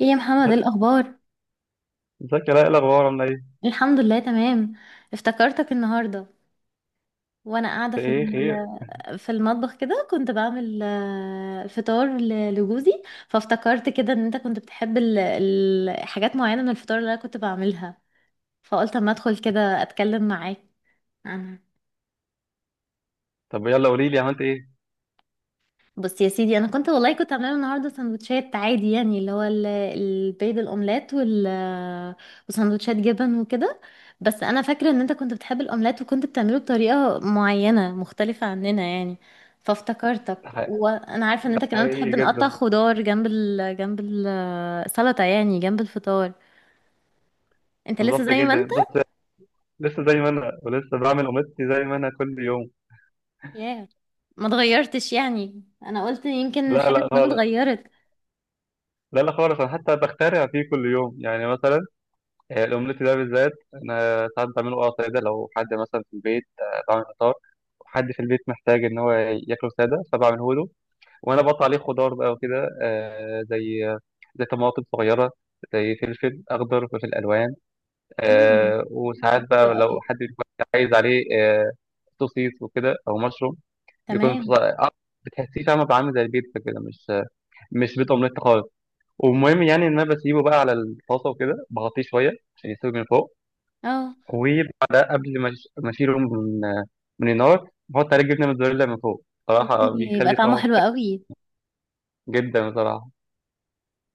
ايه يا محمد، ايه الاخبار؟ ازيك يا لاء؟ إيه الاخبار؟ عامله ايه؟ الحمد لله، تمام. افتكرتك النهارده وانا قاعده في في ايه خير؟ في المطبخ كده كنت بعمل فطار لجوزي. فافتكرت كده ان انت كنت بتحب حاجات معينه من الفطار اللي انا كنت بعملها. فقلت اما ادخل كده اتكلم معاك عنها. طب يلا قولي لي عملت ايه. بص يا سيدي، انا كنت والله كنت عامله النهارده سندوتشات عادي، يعني اللي هو البيض الاومليت وسندوتشات جبن وكده. بس انا فاكره ان انت كنت بتحب الاومليت، وكنت بتعمله بطريقه معينه مختلفه عننا يعني، فافتكرتك. ح- وانا عارفه ان انت كمان حقيقي بتحب نقطع جدا. خضار جنب جنب السلطه، يعني جنب الفطار. انت لسه بالظبط زي ما انت. جدا، بس لسه زي ما انا، ولسه بعمل قماشتي زي ما انا كل يوم. ياه. ما اتغيرتش، يعني انا قلت يمكن لا حاجه لا ما خالص. اتغيرت. لا لا خالص، انا حتى بخترع فيه كل يوم، يعني مثلا الاومليت ده بالذات انا ساعات بعمله اه ساده، لو حد مثلا في البيت، بعمل فطار وحد في البيت محتاج ان هو ياكله ساده فبعمله له. وانا بقطع عليه خضار بقى وكده، زي زي طماطم صغيره، زي فلفل اخضر، فلفل الوان. مم. آه، وساعات حلو بقى قوي. لو حد بيكون عايز عليه آه، سوسيس وكده او مشروم، بيكون تمام. بتحسيه فاهمه بقى عامل زي البيتزا كده، مش مش بيض اومليت خالص. والمهم يعني ان انا بسيبه بقى على الطاسه وكده، بغطيه شويه عشان يستوي من فوق، اه. وبعدها قبل ما اشيله من من النار، بحط عليه جبنه موتزاريلا من فوق. صراحه يعني يبقى بيخلي طعمه طعمه حلو قوي. جدا بصراحه.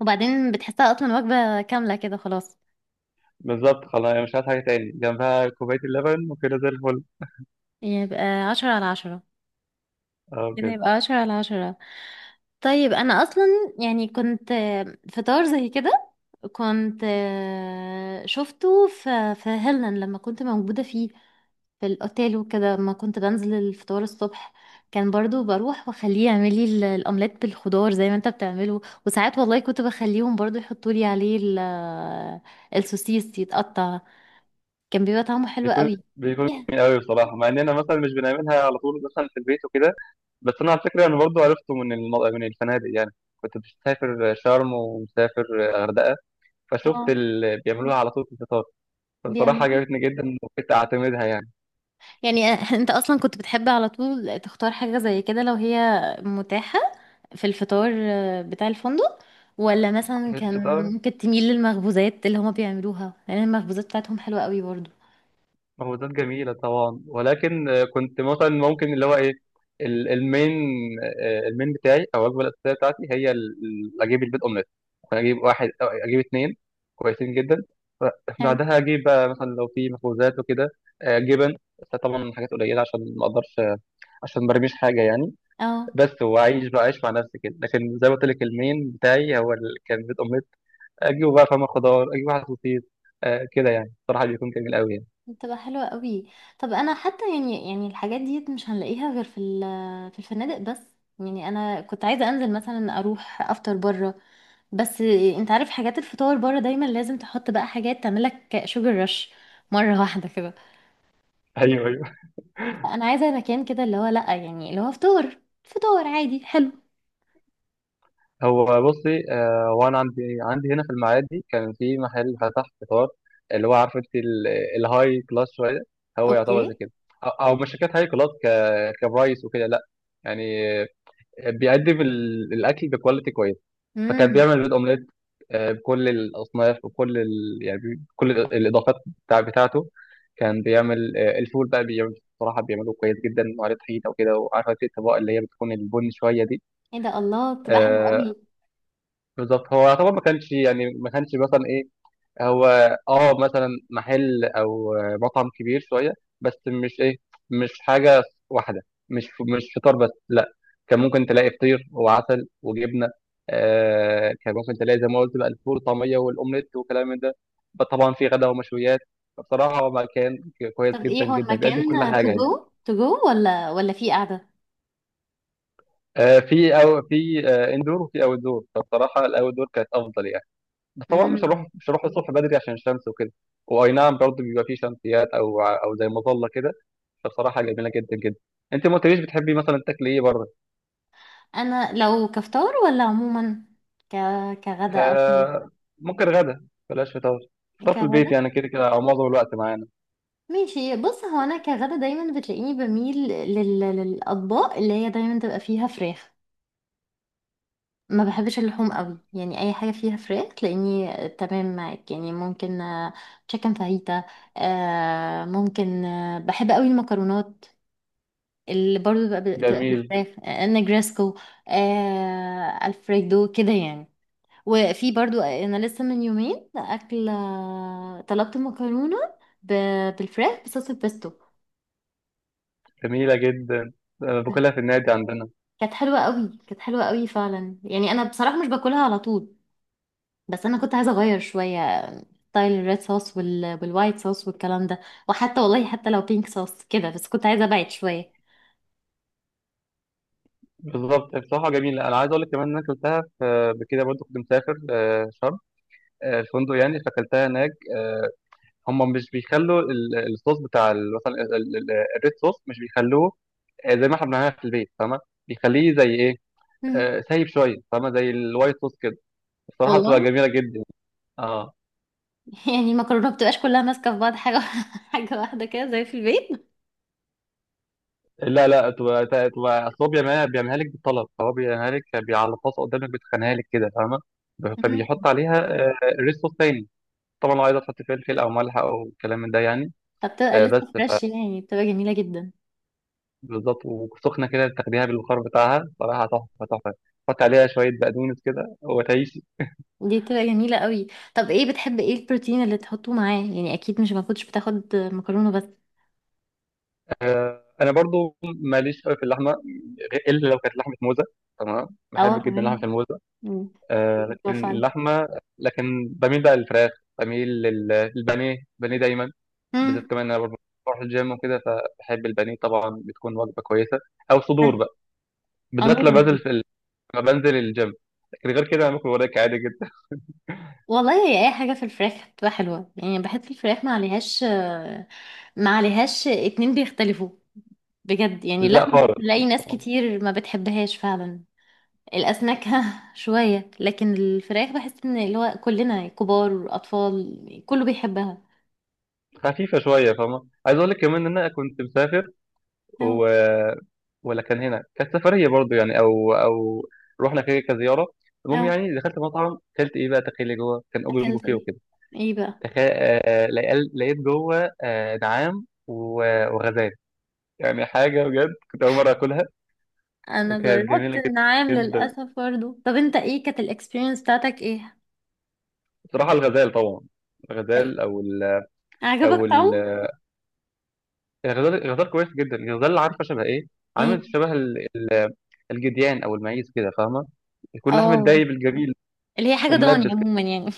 وبعدين بتحسها اصلا وجبة كاملة كده خلاص. بالظبط، خلاص أنا مش عايز حاجه تاني جنبها، كوبايه اللبن وكده زي الفل. يبقى 10 على 10. اه كده بجد. يبقى 10 على 10. طيب، انا اصلا يعني كنت فطار زي كده. كنت شفته في هيلن لما كنت موجودة فيه، في الاوتيل وكده ما كنت بنزل الفطار الصبح. كان برضو بروح واخليه يعمل لي الاومليت بالخضار زي ما انت بتعمله. وساعات والله كنت بخليهم برضو يحطوا لي عليه السوسيس يتقطع. كان بيبقى طعمه حلو بيكون قوي. بيكون جميل قوي بصراحه، مع اننا مثلا مش بنعملها على طول مثلا في البيت وكده. بس انا على فكره انا برضو عرفته من من الفنادق يعني. كنت مسافر شرم ومسافر غردقه، فشفت اه. اللي بيعملوها على طول في الفطار. فبصراحه بيعملوه. عجبتني جدا وكنت اعتمدها يعني يعني انت اصلا كنت بتحب على طول تختار حاجة زي كده لو هي متاحة في الفطار بتاع الفندق. ولا مثلا في كان الفطار. ممكن تميل للمخبوزات اللي هما بيعملوها، لان المخبوزات بتاعتهم حلوة قوي برضو. مهودات جميلة طبعا، ولكن كنت مثلا ممكن اللي هو ايه، المين، المين بتاعي او الوجبة الأساسية بتاعتي هي اجيب البيض اومليت، ممكن اجيب واحد أو اجيب اتنين كويسين جدا. ف- هل. بعدها اجيب بقى مثلا لو في مخبوزات وكده جبن، بس طبعا حاجات قليلة عشان ما اقدرش عشان ما برميش حاجة يعني. اه. بس واعيش بقى عيش مع نفسي كده. لكن زي ما قلت لك المين بتاعي هو كان بيض اومليت، اجيبه بقى فاهمة خضار، اجيب واحد سوسيس، كده يعني صراحة بيكون جميل قوي يعني. بتبقى حلوة قوي. طب انا حتى يعني الحاجات دي مش هنلاقيها غير في في الفنادق بس. يعني انا كنت عايزة انزل مثلا اروح افطر بره، بس انت عارف حاجات الفطار بره دايما لازم تحط بقى حاجات تعملك شوجر رش مرة واحدة كده. ايوه ايوه. فانا عايزة مكان كده اللي هو لا، يعني اللي هو فطار فطار عادي حلو. هو بصي وانا عندي هنا في المعادي كان في محل فتح فطار، اللي هو عارف انت الهاي كلاس شويه، هو يعتبر زي اوكي. كده، او مش شركات هاي كلاس، كبرايس وكده لا، يعني آه، بيقدم الاكل بكواليتي كويس. فكان امم. بيعمل بيض اومليت بكل الاصناف وكل يعني كل الاضافات بتاعته. كان بيعمل الفول بقى، بيعمل بصراحه، بيعمله كويس جدا، وعليه طحينه وكده، وعارفه انت الطبقه اللي هي بتكون البن شويه دي. ايه ده، الله، بتبقى حلوة آه، قوي. بالظبط. هو يعتبر ما كانش، يعني ما كانش مثلا ايه، هو اه مثلا محل او مطعم كبير شويه، بس مش ايه، مش حاجه واحده، مش مش فطار بس لا، كان ممكن تلاقي فطير وعسل وجبنه، آه كان ممكن تلاقي زي ما قلت بقى الفول والطعميه والاومليت وكلام من ده، بس طبعا في غدا ومشويات. فبصراحه هو مكان كويس طب ايه جدا هو جدا، بيقدم المكان؟ كل حاجه تو يعني. جو تو جو ولا في؟ آه، في أو في آه اندور وفي اوت دور، فبصراحه الاوت دور كانت افضل يعني. بس طبعا قاعدة. مش هروح الصبح بدري عشان الشمس وكده، واي نعم برضه بيبقى فيه شمسيات او او زي مظله كده. فبصراحه جميله جدا جدا. انت ما قلتليش بتحبي مثلا تاكلي ايه بره؟ انا لو كفطار ولا عموما ك... كغدا او كده؟ آه، ممكن غدا بلاش فطار، فطار في البيت كغدا. يعني كده كده او معظم الوقت معانا. ماشي، بص هو انا كغدا دايما بتلاقيني بميل للاطباق اللي هي دايما تبقى فيها فراخ. ما بحبش اللحوم قوي، يعني اي حاجه فيها فراخ تلاقيني تمام معاك، يعني ممكن تشيكن فاهيتا. ممكن بحب قوي المكرونات اللي برضو بتبقى جميل. بالفراخ النجرسكو. الفريدو كده يعني. وفي برضو انا لسه من يومين اكل، طلبت مكرونه بالفراخ بصوص البيستو. جميله جدا. باكلها في النادي عندنا. كانت حلوه قوي، كانت حلوه قوي فعلا، يعني انا بصراحه مش باكلها على طول. بس انا كنت عايزه اغير شويه ستايل الريد صوص والوايت صوص والكلام ده. وحتى والله حتى لو بينك صوص كده، بس كنت عايزه ابعد شويه. بالظبط بصراحه جميله. انا عايز اقول لك كمان ان انا اكلتها في بكده برضه، كنت مسافر شرم، الفندق يعني، فاكلتها هناك. هم مش بيخلوا الصوص بتاع ال- مثلا ال- ال- ال- الريد صوص، مش بيخلوه زي ما احنا بنعملها في البيت فاهمه، بيخليه زي ايه، مم. سايب شويه فاهمه، زي الوايت صوص كده. الصراحه بتبقى والله. جميله جدا. اه. يعني المكرونه ما بتبقاش كلها ماسكه في بعض حاجه حاجه واحده كده زي في البيت. لا لا، بتبقى اصل هو بيعملها، لك بالطلب، هو بيعملها لك على الطاسه قدامك، بتخنها لك كده فاهمه، مم. فبيحط عليها آه، ريد صوص تاني، طبعا لو عايزه تحط فلفل او ملح او كلام من ده يعني. فبتبقى لسه بس فريش، يعني بتبقى جميله جدا. بالظبط، وسخنة كده تاخديها بالبخار بتاعها صراحة تحفة تحفة، حط عليها شوية بقدونس كده وتعيش. دي بتبقى جميلة قوي. طب ايه بتحب، ايه البروتين اللي تحطه معاه؟ يعني اكيد مش ما كنتش بتاخد مكرونة بس. أنا برضو ماليش قوي في اللحمة، إلا لو كانت لحمة موزة. تمام. اه، بحب جدا لحمة تمام. الموزة. مم. آه لكن أيوة، فعلا. اللحمة، لكن بميل بقى للفراخ. بميل للبانيه، البانيه دايما، بالذات مم. كمان أنا برضو بروح الجيم وكده، فبحب البانيه طبعا بتكون وجبة كويسة. أو صدور بقى، بالذات عموما. لما بنزل في لما بنزل الجيم. لكن غير كده أنا باكل وراك عادي جدا. والله هي اي حاجة في الفراخ بتبقى حلوة، يعني بحس الفراخ ما عليهاش اتنين بيختلفوا. بجد، يعني لا اللحمة خالص. بتلاقي ناس كتير ما بتحبهاش فعلا. الأسماك ها، شوية، لكن الفراخ بحس ان اللي هو كلنا كبار أطفال كله بيحبها. خفيفه شويه فاهمه. عايز اقول لك كمان ان انا كنت مسافر أو و... ولا كان هنا، كانت سفريه برضو يعني، او رحنا كده كزياره. المهم أو يعني دخلت مطعم، اكلت ايه بقى تخيلي، جوه كان اوبن اكلت بوفيه ايه وكده. ايه بقى؟ تخيل آه، لقيت جوه آه، نعام وغزال. يعني حاجه بجد كنت اول مره اكلها. انا وكانت جميله جربت جدا النعام جدا. للاسف برضه. طب انت ايه كانت الاكسبيرينس بتاعتك ايه؟ بصراحه الغزال طبعا، الغزال او ال... او عجبك ال... طعمه؟ الغزال الغزال كويس جدا. الغزال عارفه شبه ايه؟ ايه؟ عامل شبه الجديان او المعيز كده فاهمه، يكون لحم اه. الدايب الجميل اللي هي حاجه وملبس ضاني كده. عموما يعني.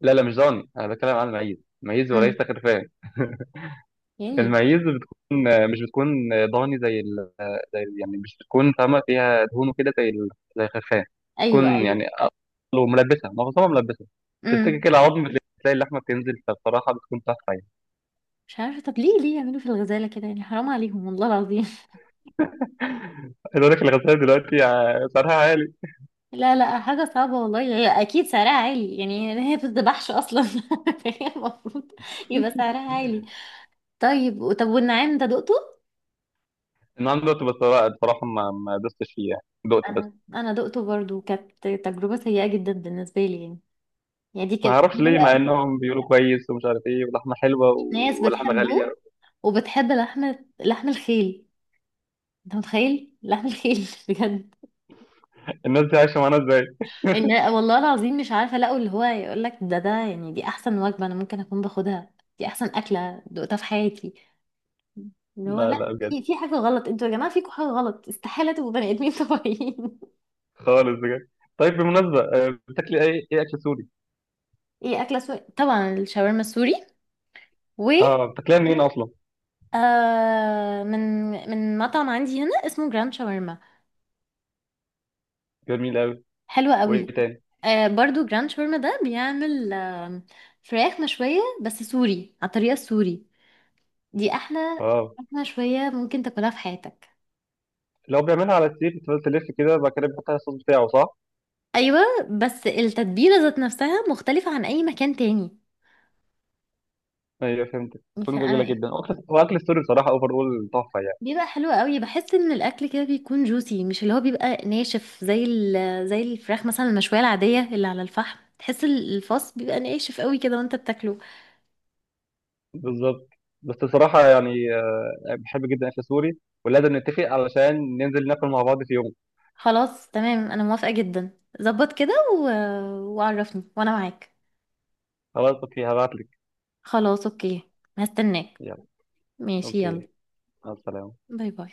لا لا مش ضاني، انا بتكلم عن المعيز. المعيز امم. وليس خرفان. يعني. المعيز مش بتكون ضاني زي يعني مش بتكون فاهمه فيها دهون كده زي زي الخرفان. ايوه، بتكون ايوه. يعني اقله ملبسه، معظمها ملبسه، تمسكي امم. كده عظم بتلاقي اللحمه بتنزل. فبصراحه بتكون تحفه يعني. مش عارفه، طب ليه يعملوا في الغزاله كده، يعني حرام عليهم والله العظيم. عايز اقول لك الغزال دلوقتي سعرها عالي. لا، لا، حاجه صعبه والله، هي اكيد سعرها عالي، يعني هي بتذبحش اصلا فهي المفروض يبقى سعرها عالي. طيب، طب، والنعام ده دقته؟ النهارده دوت بصراحة، بصراحة ما دوستش فيه يعني، دقت بس. انا دقته برضو، كانت تجربة سيئة جدا بالنسبة لي يعني. يعني دي ما كانت اعرفش ليه، ناس مع انهم بيقولوا كويس ومش عارف ايه، ولحمة حلوة ناس ولحمة غالية. بتحبه وبتحب لحم الخيل. انت متخيل لحم الخيل؟ بجد. الناس دي عايشة معانا ازاي؟ ان والله العظيم مش عارفة، لقوا اللي هو يقول لك ده يعني دي احسن وجبة انا ممكن اكون باخدها. دي احسن اكلة دقتها في حياتي. اللي هو لا لا، لا في بجد، في حاجة غلط، انتوا يا جماعة فيكم حاجة غلط، استحالة تبقوا بني ادمين طبيعيين. خالص بجد. طيب بالمناسبة بتاكلي ايه، ايه اكل سوري؟ ايه اكلة سوري، طبعا الشاورما السوري. اه، بتاكليها منين اصلا؟ من مطعم عندي هنا اسمه جراند شاورما. جميل قوي. حلو وايه قوي. تاني؟ برضو جراند شاورما ده بيعمل فراخ مشوية بس سوري على الطريقة السوري. دي أحلى اه. فراخ مشوية ممكن تاكلها في حياتك. لو بيعملها على السيخ بتفضل تلف كده، بعد كده بتحط عليها الصوص بتاعه، صح؟ أيوة. بس التتبيلة ذات نفسها مختلفة عن أي مكان تاني. ايوه فهمت، بتكون فأنا جميلة إيه. جدا. واكل السوري بصراحة اوفر اول تحفة يعني. بيبقى حلو قوي، بحس ان الاكل كده بيكون جوسي، مش اللي هو بيبقى ناشف زي زي الفراخ مثلا المشويه العاديه اللي على الفحم، تحس الفص بيبقى ناشف قوي كده وانت بتاكله. بالظبط. بس بصراحة يعني بحب جدا اكل سوري، ولازم نتفق علشان ننزل ناكل مع بعض في يوم. خلاص، تمام، انا موافقة جدا، ظبط كده وعرفني وانا معاك. خلاص اوكي، هبعت لك. خلاص اوكي، هستناك. يلا. ماشي اوكي. يلا. مع السلامه. باي، باي.